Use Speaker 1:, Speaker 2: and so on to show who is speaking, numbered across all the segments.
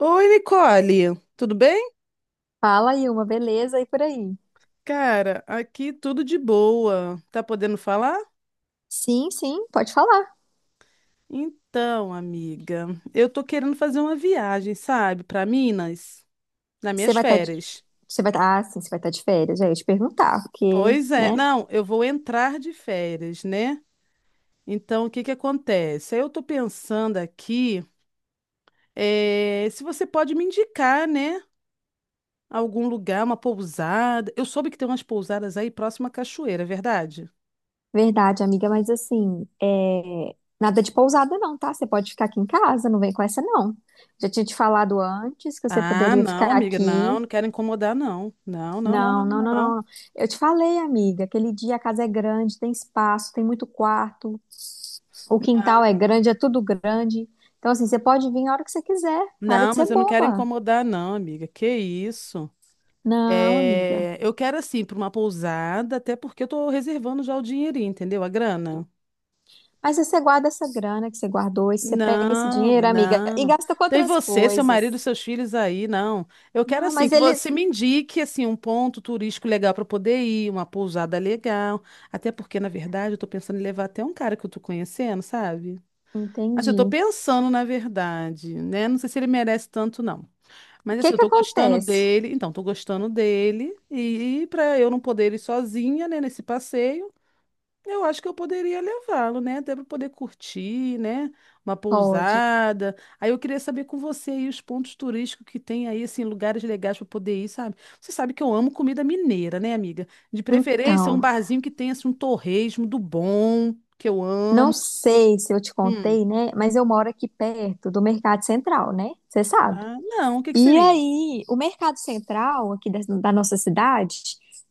Speaker 1: Oi, Nicole, tudo bem?
Speaker 2: Fala, Ilma, beleza? E por aí?
Speaker 1: Cara, aqui tudo de boa. Tá podendo falar?
Speaker 2: Sim, sim, pode falar.
Speaker 1: Então, amiga, eu tô querendo fazer uma viagem, sabe, para Minas, nas
Speaker 2: Você
Speaker 1: minhas
Speaker 2: vai estar de...
Speaker 1: férias.
Speaker 2: você vai tá... Ah, sim, Você vai estar de férias, já ia te perguntar, porque,
Speaker 1: Pois é,
Speaker 2: né?
Speaker 1: não, eu vou entrar de férias, né? Então, o que que acontece? Aí eu tô pensando aqui, se você pode me indicar, né, algum lugar, uma pousada. Eu soube que tem umas pousadas aí próxima à cachoeira, é verdade?
Speaker 2: Verdade, amiga, mas assim, nada de pousada não, tá? Você pode ficar aqui em casa, não vem com essa não. Já tinha te falado antes que você
Speaker 1: Ah,
Speaker 2: poderia
Speaker 1: não,
Speaker 2: ficar
Speaker 1: amiga,
Speaker 2: aqui.
Speaker 1: não, não quero incomodar, não. Não, não, não, não,
Speaker 2: Não, não,
Speaker 1: não,
Speaker 2: não,
Speaker 1: não.
Speaker 2: não. Eu te falei, amiga, aquele dia a casa é grande, tem espaço, tem muito quarto, o quintal é grande, é tudo grande. Então, assim, você pode vir a hora que você quiser. Para
Speaker 1: Não,
Speaker 2: de ser
Speaker 1: mas eu não quero
Speaker 2: boba.
Speaker 1: incomodar, não, amiga. Que isso?
Speaker 2: Não, amiga.
Speaker 1: É, eu quero, assim, para uma pousada, até porque eu tô reservando já o dinheirinho, entendeu? A grana.
Speaker 2: Mas aí você guarda essa grana que você guardou, e você pega esse
Speaker 1: Não,
Speaker 2: dinheiro, amiga, e
Speaker 1: não.
Speaker 2: gasta com
Speaker 1: Tem
Speaker 2: outras
Speaker 1: você, seu marido,
Speaker 2: coisas.
Speaker 1: seus filhos aí, não. Eu quero,
Speaker 2: Não,
Speaker 1: assim,
Speaker 2: mas
Speaker 1: que você
Speaker 2: eles.
Speaker 1: me indique, assim, um ponto turístico legal para poder ir, uma pousada legal. Até porque, na verdade, eu tô pensando em levar até um cara que eu tô conhecendo, sabe? Assim, eu tô
Speaker 2: Entendi.
Speaker 1: pensando, na verdade, né? Não sei se ele merece tanto, não.
Speaker 2: O
Speaker 1: Mas
Speaker 2: que
Speaker 1: assim, eu
Speaker 2: que
Speaker 1: tô gostando
Speaker 2: acontece?
Speaker 1: dele. Então, tô gostando dele. E pra eu não poder ir sozinha, né, nesse passeio, eu acho que eu poderia levá-lo, né? Até pra poder curtir, né? Uma
Speaker 2: Pode.
Speaker 1: pousada. Aí eu queria saber com você aí os pontos turísticos que tem aí, assim, lugares legais pra poder ir, sabe? Você sabe que eu amo comida mineira, né, amiga? De preferência, um
Speaker 2: Então,
Speaker 1: barzinho que tenha, assim, um torresmo do bom, que eu amo.
Speaker 2: não sei se eu te
Speaker 1: Hum.
Speaker 2: contei, né? Mas eu moro aqui perto do Mercado Central, né? Você sabe.
Speaker 1: Ah, não, o que que
Speaker 2: E
Speaker 1: seria?
Speaker 2: aí, o Mercado Central aqui da nossa cidade,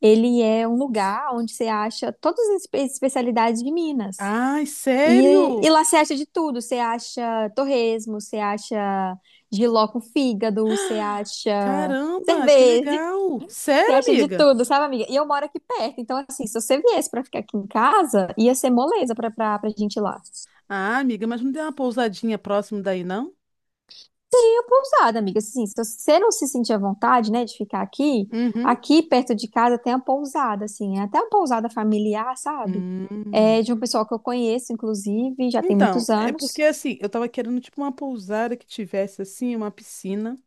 Speaker 2: ele é um lugar onde você acha todas as especialidades de Minas.
Speaker 1: Ai,
Speaker 2: E
Speaker 1: sério?
Speaker 2: lá você acha de tudo. Você acha torresmo, você acha jiló com fígado, você acha
Speaker 1: Caramba, que
Speaker 2: cerveja,
Speaker 1: legal.
Speaker 2: você
Speaker 1: Sério,
Speaker 2: acha de
Speaker 1: amiga?
Speaker 2: tudo, sabe, amiga? E eu moro aqui perto, então, assim, se você viesse pra ficar aqui em casa, ia ser moleza pra gente ir lá.
Speaker 1: Ah, amiga, mas não tem uma pousadinha próximo daí, não?
Speaker 2: E a pousada, amiga, assim, se você não se sentir à vontade, né, de ficar aqui,
Speaker 1: Uhum.
Speaker 2: aqui perto de casa tem uma pousada, assim, é até uma pousada familiar, sabe? É
Speaker 1: Hum.
Speaker 2: de um pessoal que eu conheço, inclusive, já tem
Speaker 1: Então,
Speaker 2: muitos
Speaker 1: é porque
Speaker 2: anos.
Speaker 1: assim, eu tava querendo tipo uma pousada que tivesse assim uma piscina,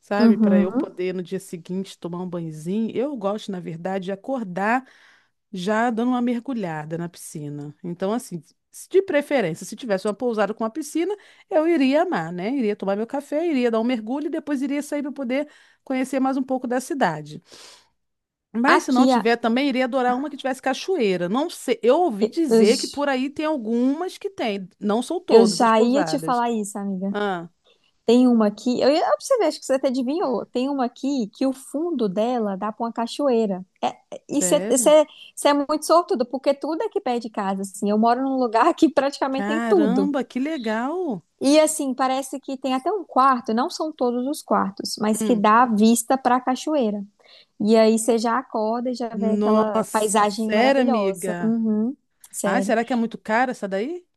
Speaker 1: sabe, para eu
Speaker 2: Uhum.
Speaker 1: poder no dia seguinte tomar um banhozinho. Eu gosto, na verdade, de acordar já dando uma mergulhada na piscina. Então, assim, de preferência, se tivesse uma pousada com uma piscina, eu iria amar, né? Iria tomar meu café, iria dar um mergulho e depois iria sair para poder conhecer mais um pouco da cidade. Mas se não
Speaker 2: Aqui, a-
Speaker 1: tiver, também iria adorar uma que tivesse cachoeira. Não sei, eu ouvi dizer que
Speaker 2: os-
Speaker 1: por aí tem algumas que tem, não são
Speaker 2: Eu
Speaker 1: todas as
Speaker 2: já ia te
Speaker 1: pousadas.
Speaker 2: falar isso, amiga.
Speaker 1: Ah,
Speaker 2: Tem uma aqui, eu ia observar, acho que você até adivinhou. Tem uma aqui que o fundo dela dá para uma cachoeira. E
Speaker 1: sério?
Speaker 2: você é muito sortudo, porque tudo é aqui perto de casa, assim. Eu moro num lugar que praticamente tem tudo.
Speaker 1: Caramba, que legal!
Speaker 2: E assim, parece que tem até um quarto, não são todos os quartos, mas que
Speaker 1: Hum.
Speaker 2: dá vista para a cachoeira. E aí você já acorda e já vê aquela
Speaker 1: Nossa,
Speaker 2: paisagem
Speaker 1: sério,
Speaker 2: maravilhosa.
Speaker 1: amiga?
Speaker 2: Uhum,
Speaker 1: Ai,
Speaker 2: sério.
Speaker 1: será que é muito cara essa daí?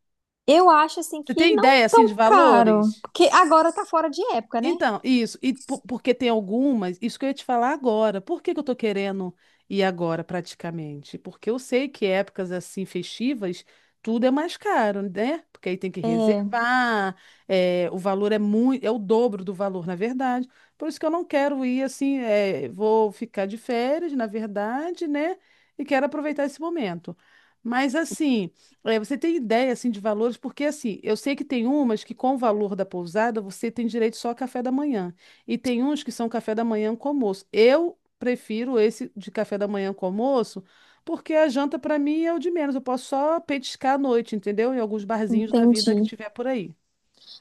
Speaker 2: Eu acho assim
Speaker 1: Você
Speaker 2: que
Speaker 1: tem
Speaker 2: não
Speaker 1: ideia assim de
Speaker 2: tão caro,
Speaker 1: valores?
Speaker 2: porque agora tá fora de época, né?
Speaker 1: Então, isso. E porque tem algumas, isso que eu ia te falar agora. Por que que eu tô querendo ir agora praticamente? Porque eu sei que épocas assim festivas, tudo é mais caro, né? Porque aí tem que reservar, é, o valor é muito, é o dobro do valor, na verdade. Por isso que eu não quero ir assim, é, vou ficar de férias, na verdade, né? E quero aproveitar esse momento. Mas assim, é, você tem ideia assim de valores? Porque assim, eu sei que tem umas que com o valor da pousada você tem direito só a café da manhã e tem uns que são café da manhã com almoço. Eu prefiro esse de café da manhã com almoço, porque a janta para mim é o de menos. Eu posso só petiscar à noite, entendeu? Em alguns barzinhos da vida que
Speaker 2: Entendi.
Speaker 1: tiver por aí.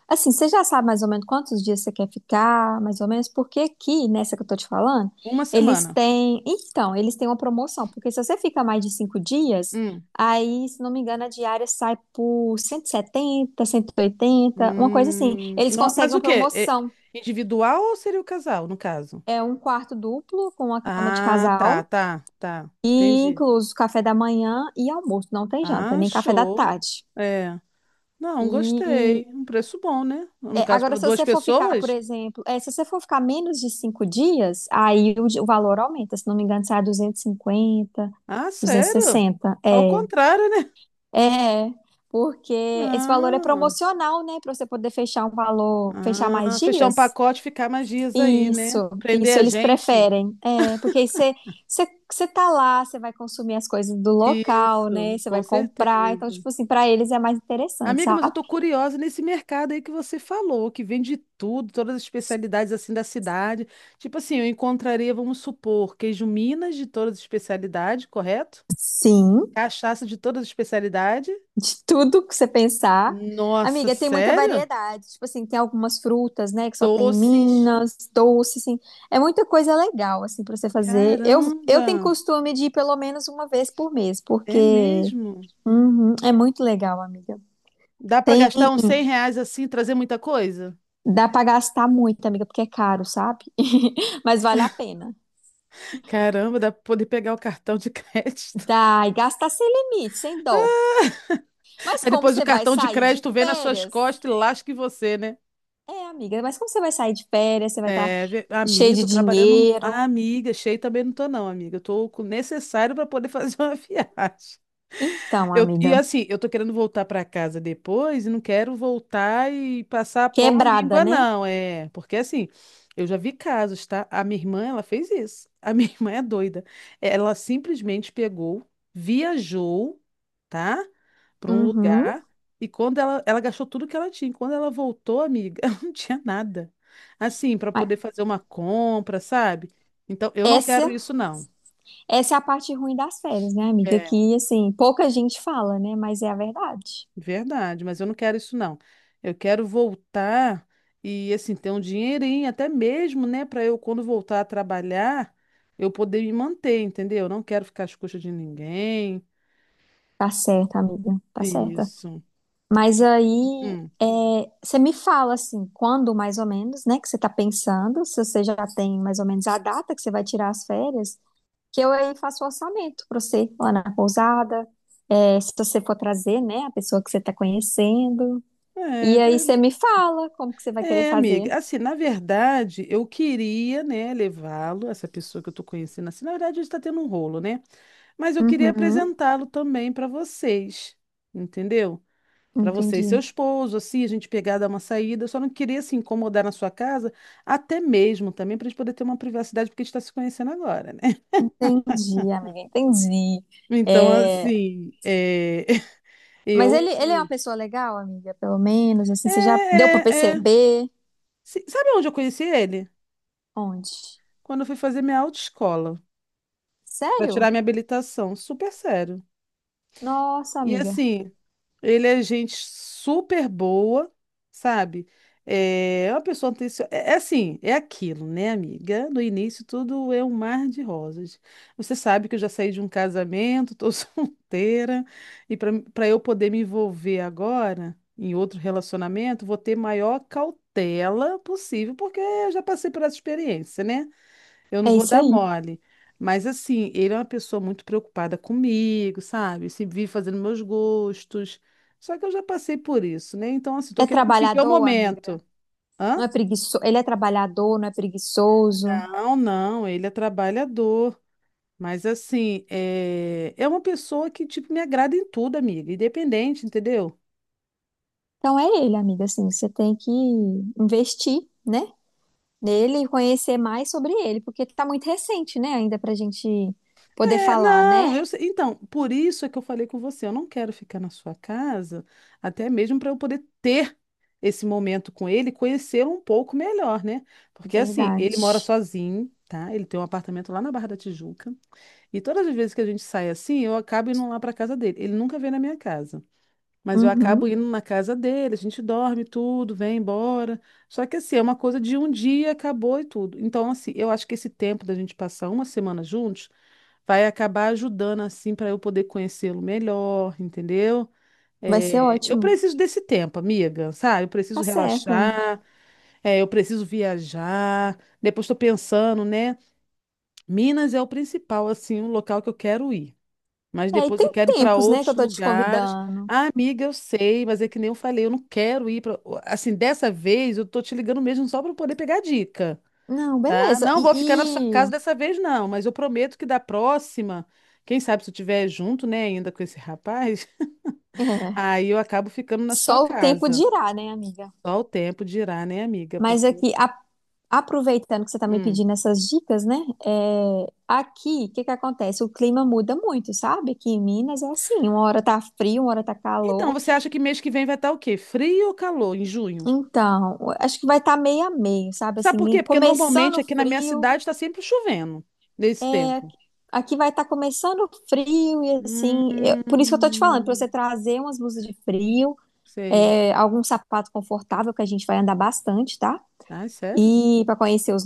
Speaker 2: Assim, você já sabe mais ou menos quantos dias você quer ficar, mais ou menos, porque aqui, nessa que eu tô te falando,
Speaker 1: Uma
Speaker 2: eles
Speaker 1: semana.
Speaker 2: têm. Então, eles têm uma promoção, porque se você fica mais de 5 dias,
Speaker 1: Hum.
Speaker 2: aí, se não me engano, a diária sai por cento setenta, 180, uma coisa assim. Eles
Speaker 1: Mas
Speaker 2: conseguem
Speaker 1: o
Speaker 2: uma
Speaker 1: quê? É
Speaker 2: promoção.
Speaker 1: individual ou seria o casal, no caso?
Speaker 2: É um quarto duplo com uma cama de
Speaker 1: Ah, tá,
Speaker 2: casal,
Speaker 1: tá, tá.
Speaker 2: e
Speaker 1: Entendi.
Speaker 2: incluso café da manhã e almoço. Não tem janta,
Speaker 1: Ah,
Speaker 2: nem café da
Speaker 1: show.
Speaker 2: tarde.
Speaker 1: É. Não,
Speaker 2: E
Speaker 1: gostei. Um preço bom, né? No
Speaker 2: é,
Speaker 1: caso,
Speaker 2: agora,
Speaker 1: para
Speaker 2: se
Speaker 1: duas
Speaker 2: você for ficar, por
Speaker 1: pessoas?
Speaker 2: exemplo, se você for ficar menos de 5 dias, aí o valor aumenta. Se não me engano, sai 250,
Speaker 1: Ah, sério?
Speaker 2: 260.
Speaker 1: Ao contrário, né?
Speaker 2: É, porque esse valor é
Speaker 1: Ah,
Speaker 2: promocional, né? Para você poder fechar um valor, fechar mais
Speaker 1: ah, fechar um
Speaker 2: dias.
Speaker 1: pacote e ficar mais dias aí, né?
Speaker 2: Isso, isso
Speaker 1: Prender a
Speaker 2: eles
Speaker 1: gente.
Speaker 2: preferem. É, porque aí você tá lá, você vai consumir as coisas do local, né?
Speaker 1: Isso,
Speaker 2: Você
Speaker 1: com
Speaker 2: vai comprar. Então,
Speaker 1: certeza.
Speaker 2: tipo assim, para eles é mais interessante,
Speaker 1: Amiga, mas eu
Speaker 2: sabe?
Speaker 1: tô curiosa nesse mercado aí que você falou, que vende tudo, todas as especialidades assim da cidade. Tipo assim, eu encontraria, vamos supor, queijo Minas de todas as especialidades, correto?
Speaker 2: Sim.
Speaker 1: Cachaça de todas as especialidades.
Speaker 2: De tudo que você pensar.
Speaker 1: Nossa,
Speaker 2: Amiga, tem muita
Speaker 1: sério?
Speaker 2: variedade. Tipo assim, tem algumas frutas, né, que só tem em
Speaker 1: Doces.
Speaker 2: Minas, doce, assim. É muita coisa legal, assim, pra você fazer. Eu tenho
Speaker 1: Caramba,
Speaker 2: costume de ir pelo menos uma vez por mês,
Speaker 1: é
Speaker 2: porque
Speaker 1: mesmo?
Speaker 2: uhum, é muito legal, amiga.
Speaker 1: Dá para
Speaker 2: Tem,
Speaker 1: gastar uns cem reais assim e trazer muita coisa?
Speaker 2: dá pra gastar muito, amiga, porque é caro, sabe? Mas vale a pena.
Speaker 1: Caramba, dá para poder pegar o cartão de crédito.
Speaker 2: Dá, e gastar sem limite, sem dó. Mas
Speaker 1: Aí
Speaker 2: como
Speaker 1: depois o
Speaker 2: você vai
Speaker 1: cartão de
Speaker 2: sair de
Speaker 1: crédito vem nas suas
Speaker 2: férias?
Speaker 1: costas e lasca em você, né?
Speaker 2: É, amiga, mas como você vai sair de férias? Você vai estar
Speaker 1: É,
Speaker 2: cheio
Speaker 1: amiga, eu
Speaker 2: de
Speaker 1: tô trabalhando. Ah,
Speaker 2: dinheiro.
Speaker 1: amiga, cheio também não tô, não, amiga. Eu tô com o necessário para poder fazer uma viagem.
Speaker 2: Então,
Speaker 1: Eu, e
Speaker 2: amiga,
Speaker 1: assim, eu tô querendo voltar pra casa depois e não quero voltar e passar pão à
Speaker 2: quebrada,
Speaker 1: míngua,
Speaker 2: né?
Speaker 1: não. É, porque assim, eu já vi casos, tá? A minha irmã, ela fez isso. A minha irmã é doida. Ela simplesmente pegou, viajou, tá? Pra um
Speaker 2: Uhum.
Speaker 1: lugar e quando ela gastou tudo que ela tinha. Quando ela voltou, amiga, ela não tinha nada. Assim, pra
Speaker 2: Ah,
Speaker 1: poder fazer uma compra, sabe? Então, eu não quero
Speaker 2: Essa,
Speaker 1: isso, não.
Speaker 2: essa é a parte ruim das férias, né, amiga? Que, assim, pouca gente fala, né? Mas é a verdade.
Speaker 1: Verdade, mas eu não quero isso não. Eu quero voltar e assim ter um dinheirinho até mesmo, né, para eu quando voltar a trabalhar, eu poder me manter, entendeu? Eu não quero ficar às custas de ninguém.
Speaker 2: Tá certa, amiga, tá certa.
Speaker 1: Isso.
Speaker 2: Mas
Speaker 1: Vi-
Speaker 2: aí,
Speaker 1: Hum.
Speaker 2: é, você me fala, assim, quando mais ou menos, né, que você tá pensando, se você já tem mais ou menos a data que você vai tirar as férias, que eu aí faço o orçamento pra você lá na pousada, é, se você for trazer, né, a pessoa que você tá conhecendo.
Speaker 1: É,
Speaker 2: E aí você me fala como que você vai querer
Speaker 1: é,
Speaker 2: fazer.
Speaker 1: amiga. Assim, na verdade, eu queria, né, levá-lo, essa pessoa que eu tô conhecendo assim, na verdade, a gente tá tendo um rolo, né? Mas eu queria
Speaker 2: Uhum,
Speaker 1: apresentá-lo também para vocês, entendeu? Para você e seu
Speaker 2: entendi.
Speaker 1: esposo, assim, a gente pegar, dar uma saída. Eu só não queria se incomodar na sua casa, até mesmo também pra gente poder ter uma privacidade, porque a gente tá se conhecendo agora, né?
Speaker 2: Entendi, amiga, entendi.
Speaker 1: Então,
Speaker 2: É,
Speaker 1: assim, é,
Speaker 2: mas
Speaker 1: eu.
Speaker 2: ele é uma pessoa legal, amiga, pelo menos, assim,
Speaker 1: É,
Speaker 2: você já deu pra
Speaker 1: é, é.
Speaker 2: perceber?
Speaker 1: Sabe onde eu conheci ele?
Speaker 2: Onde?
Speaker 1: Quando eu fui fazer minha autoescola, para tirar
Speaker 2: Sério?
Speaker 1: minha habilitação. Super sério.
Speaker 2: Nossa,
Speaker 1: E
Speaker 2: amiga,
Speaker 1: assim, ele é gente super boa, sabe? É uma pessoa atenciosa. É assim, é aquilo, né, amiga? No início tudo é um mar de rosas. Você sabe que eu já saí de um casamento, tô solteira, e para eu poder me envolver agora em outro relacionamento, vou ter maior cautela possível, porque eu já passei por essa experiência, né? Eu não
Speaker 2: é
Speaker 1: vou
Speaker 2: isso
Speaker 1: dar
Speaker 2: aí.
Speaker 1: mole. Mas assim, ele é uma pessoa muito preocupada comigo, sabe? Se vive fazendo meus gostos. Só que eu já passei por isso, né? Então, assim, tô
Speaker 2: É
Speaker 1: querendo viver o
Speaker 2: trabalhador,
Speaker 1: momento.
Speaker 2: amiga. Não
Speaker 1: Hã?
Speaker 2: é preguiçoso, ele é trabalhador, não é preguiçoso.
Speaker 1: Não, não, ele é trabalhador. Mas assim, é uma pessoa que, tipo, me agrada em tudo, amiga. Independente, entendeu?
Speaker 2: Então é ele, amiga, assim, você tem que investir, né? Nele e conhecer mais sobre ele, porque tá muito recente, né, ainda pra gente poder
Speaker 1: É,
Speaker 2: falar,
Speaker 1: não,
Speaker 2: né?
Speaker 1: eu sei. Então, por isso é que eu falei com você, eu não quero ficar na sua casa, até mesmo para eu poder ter esse momento com ele, e conhecê-lo um pouco melhor, né? Porque assim, ele mora
Speaker 2: Verdade.
Speaker 1: sozinho, tá? Ele tem um apartamento lá na Barra da Tijuca, e todas as vezes que a gente sai assim, eu acabo indo lá para casa dele. Ele nunca vem na minha casa, mas eu acabo
Speaker 2: Uhum.
Speaker 1: indo na casa dele, a gente dorme tudo, vem embora. Só que assim, é uma coisa de um dia, acabou e tudo. Então, assim, eu acho que esse tempo da gente passar uma semana juntos vai acabar ajudando assim para eu poder conhecê-lo melhor, entendeu?
Speaker 2: Vai ser
Speaker 1: É, eu
Speaker 2: ótimo.
Speaker 1: preciso desse tempo, amiga, sabe? Eu
Speaker 2: Tá
Speaker 1: preciso
Speaker 2: certa.
Speaker 1: relaxar, é, eu preciso viajar. Depois estou pensando, né? Minas é o principal, assim, o local que eu quero ir. Mas
Speaker 2: É, e
Speaker 1: depois eu
Speaker 2: tem
Speaker 1: quero ir para
Speaker 2: tempos, né, que
Speaker 1: outros
Speaker 2: eu tô te
Speaker 1: lugares.
Speaker 2: convidando.
Speaker 1: Ah, amiga, eu sei, mas é que nem eu falei, eu não quero ir para. Assim, dessa vez eu tô te ligando mesmo só para poder pegar dica.
Speaker 2: Não,
Speaker 1: Tá?
Speaker 2: beleza.
Speaker 1: Não vou ficar na sua casa dessa vez, não, mas eu prometo que da próxima, quem sabe se eu estiver junto, né, ainda com esse rapaz,
Speaker 2: É,
Speaker 1: aí eu acabo ficando na sua
Speaker 2: só o tempo
Speaker 1: casa.
Speaker 2: dirá, né, amiga?
Speaker 1: Só o tempo dirá, né, amiga?
Speaker 2: Mas
Speaker 1: Porque.
Speaker 2: aqui, a- Aproveitando que você tá me
Speaker 1: Hum.
Speaker 2: pedindo essas dicas, né? É, aqui, o que que acontece? O clima muda muito, sabe? Aqui em Minas é assim, uma hora tá frio, uma hora tá
Speaker 1: Então,
Speaker 2: calor.
Speaker 1: você acha que mês que vem vai estar o quê? Frio ou calor em junho?
Speaker 2: Então, acho que vai estar tá meio a meio, sabe?
Speaker 1: Sabe
Speaker 2: Assim,
Speaker 1: por quê? Porque normalmente
Speaker 2: começando
Speaker 1: aqui na minha
Speaker 2: frio.
Speaker 1: cidade está sempre chovendo nesse tempo.
Speaker 2: Aqui vai estar começando frio e assim, por isso que eu tô te falando, para você
Speaker 1: Hum,
Speaker 2: trazer umas blusas de frio,
Speaker 1: sei.
Speaker 2: é, algum sapato confortável que a gente vai andar bastante, tá?
Speaker 1: Ai, sério?
Speaker 2: E para conhecer os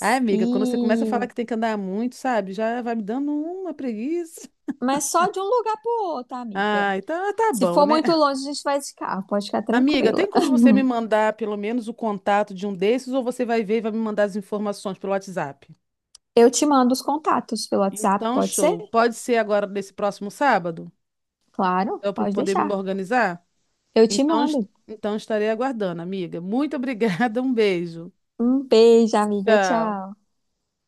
Speaker 1: Ai, amiga, quando você começa a
Speaker 2: e
Speaker 1: falar que tem que andar muito, sabe? Já vai me dando uma preguiça.
Speaker 2: mas só de um lugar pro outro, amiga.
Speaker 1: Ah, então ah, tá
Speaker 2: Se
Speaker 1: bom,
Speaker 2: for
Speaker 1: né?
Speaker 2: muito longe, a gente vai de carro, pode ficar
Speaker 1: Amiga,
Speaker 2: tranquila.
Speaker 1: tem como você me mandar pelo menos o contato de um desses ou você vai ver e vai me mandar as informações pelo WhatsApp?
Speaker 2: Eu te mando os contatos pelo WhatsApp,
Speaker 1: Então,
Speaker 2: pode ser?
Speaker 1: show. Pode ser agora nesse próximo sábado?
Speaker 2: Claro,
Speaker 1: Para eu
Speaker 2: pode
Speaker 1: poder
Speaker 2: deixar.
Speaker 1: me organizar?
Speaker 2: Eu te
Speaker 1: Então,
Speaker 2: mando.
Speaker 1: então estarei aguardando, amiga. Muito obrigada, um beijo.
Speaker 2: Um beijo, amiga.
Speaker 1: Tchau.
Speaker 2: Tchau.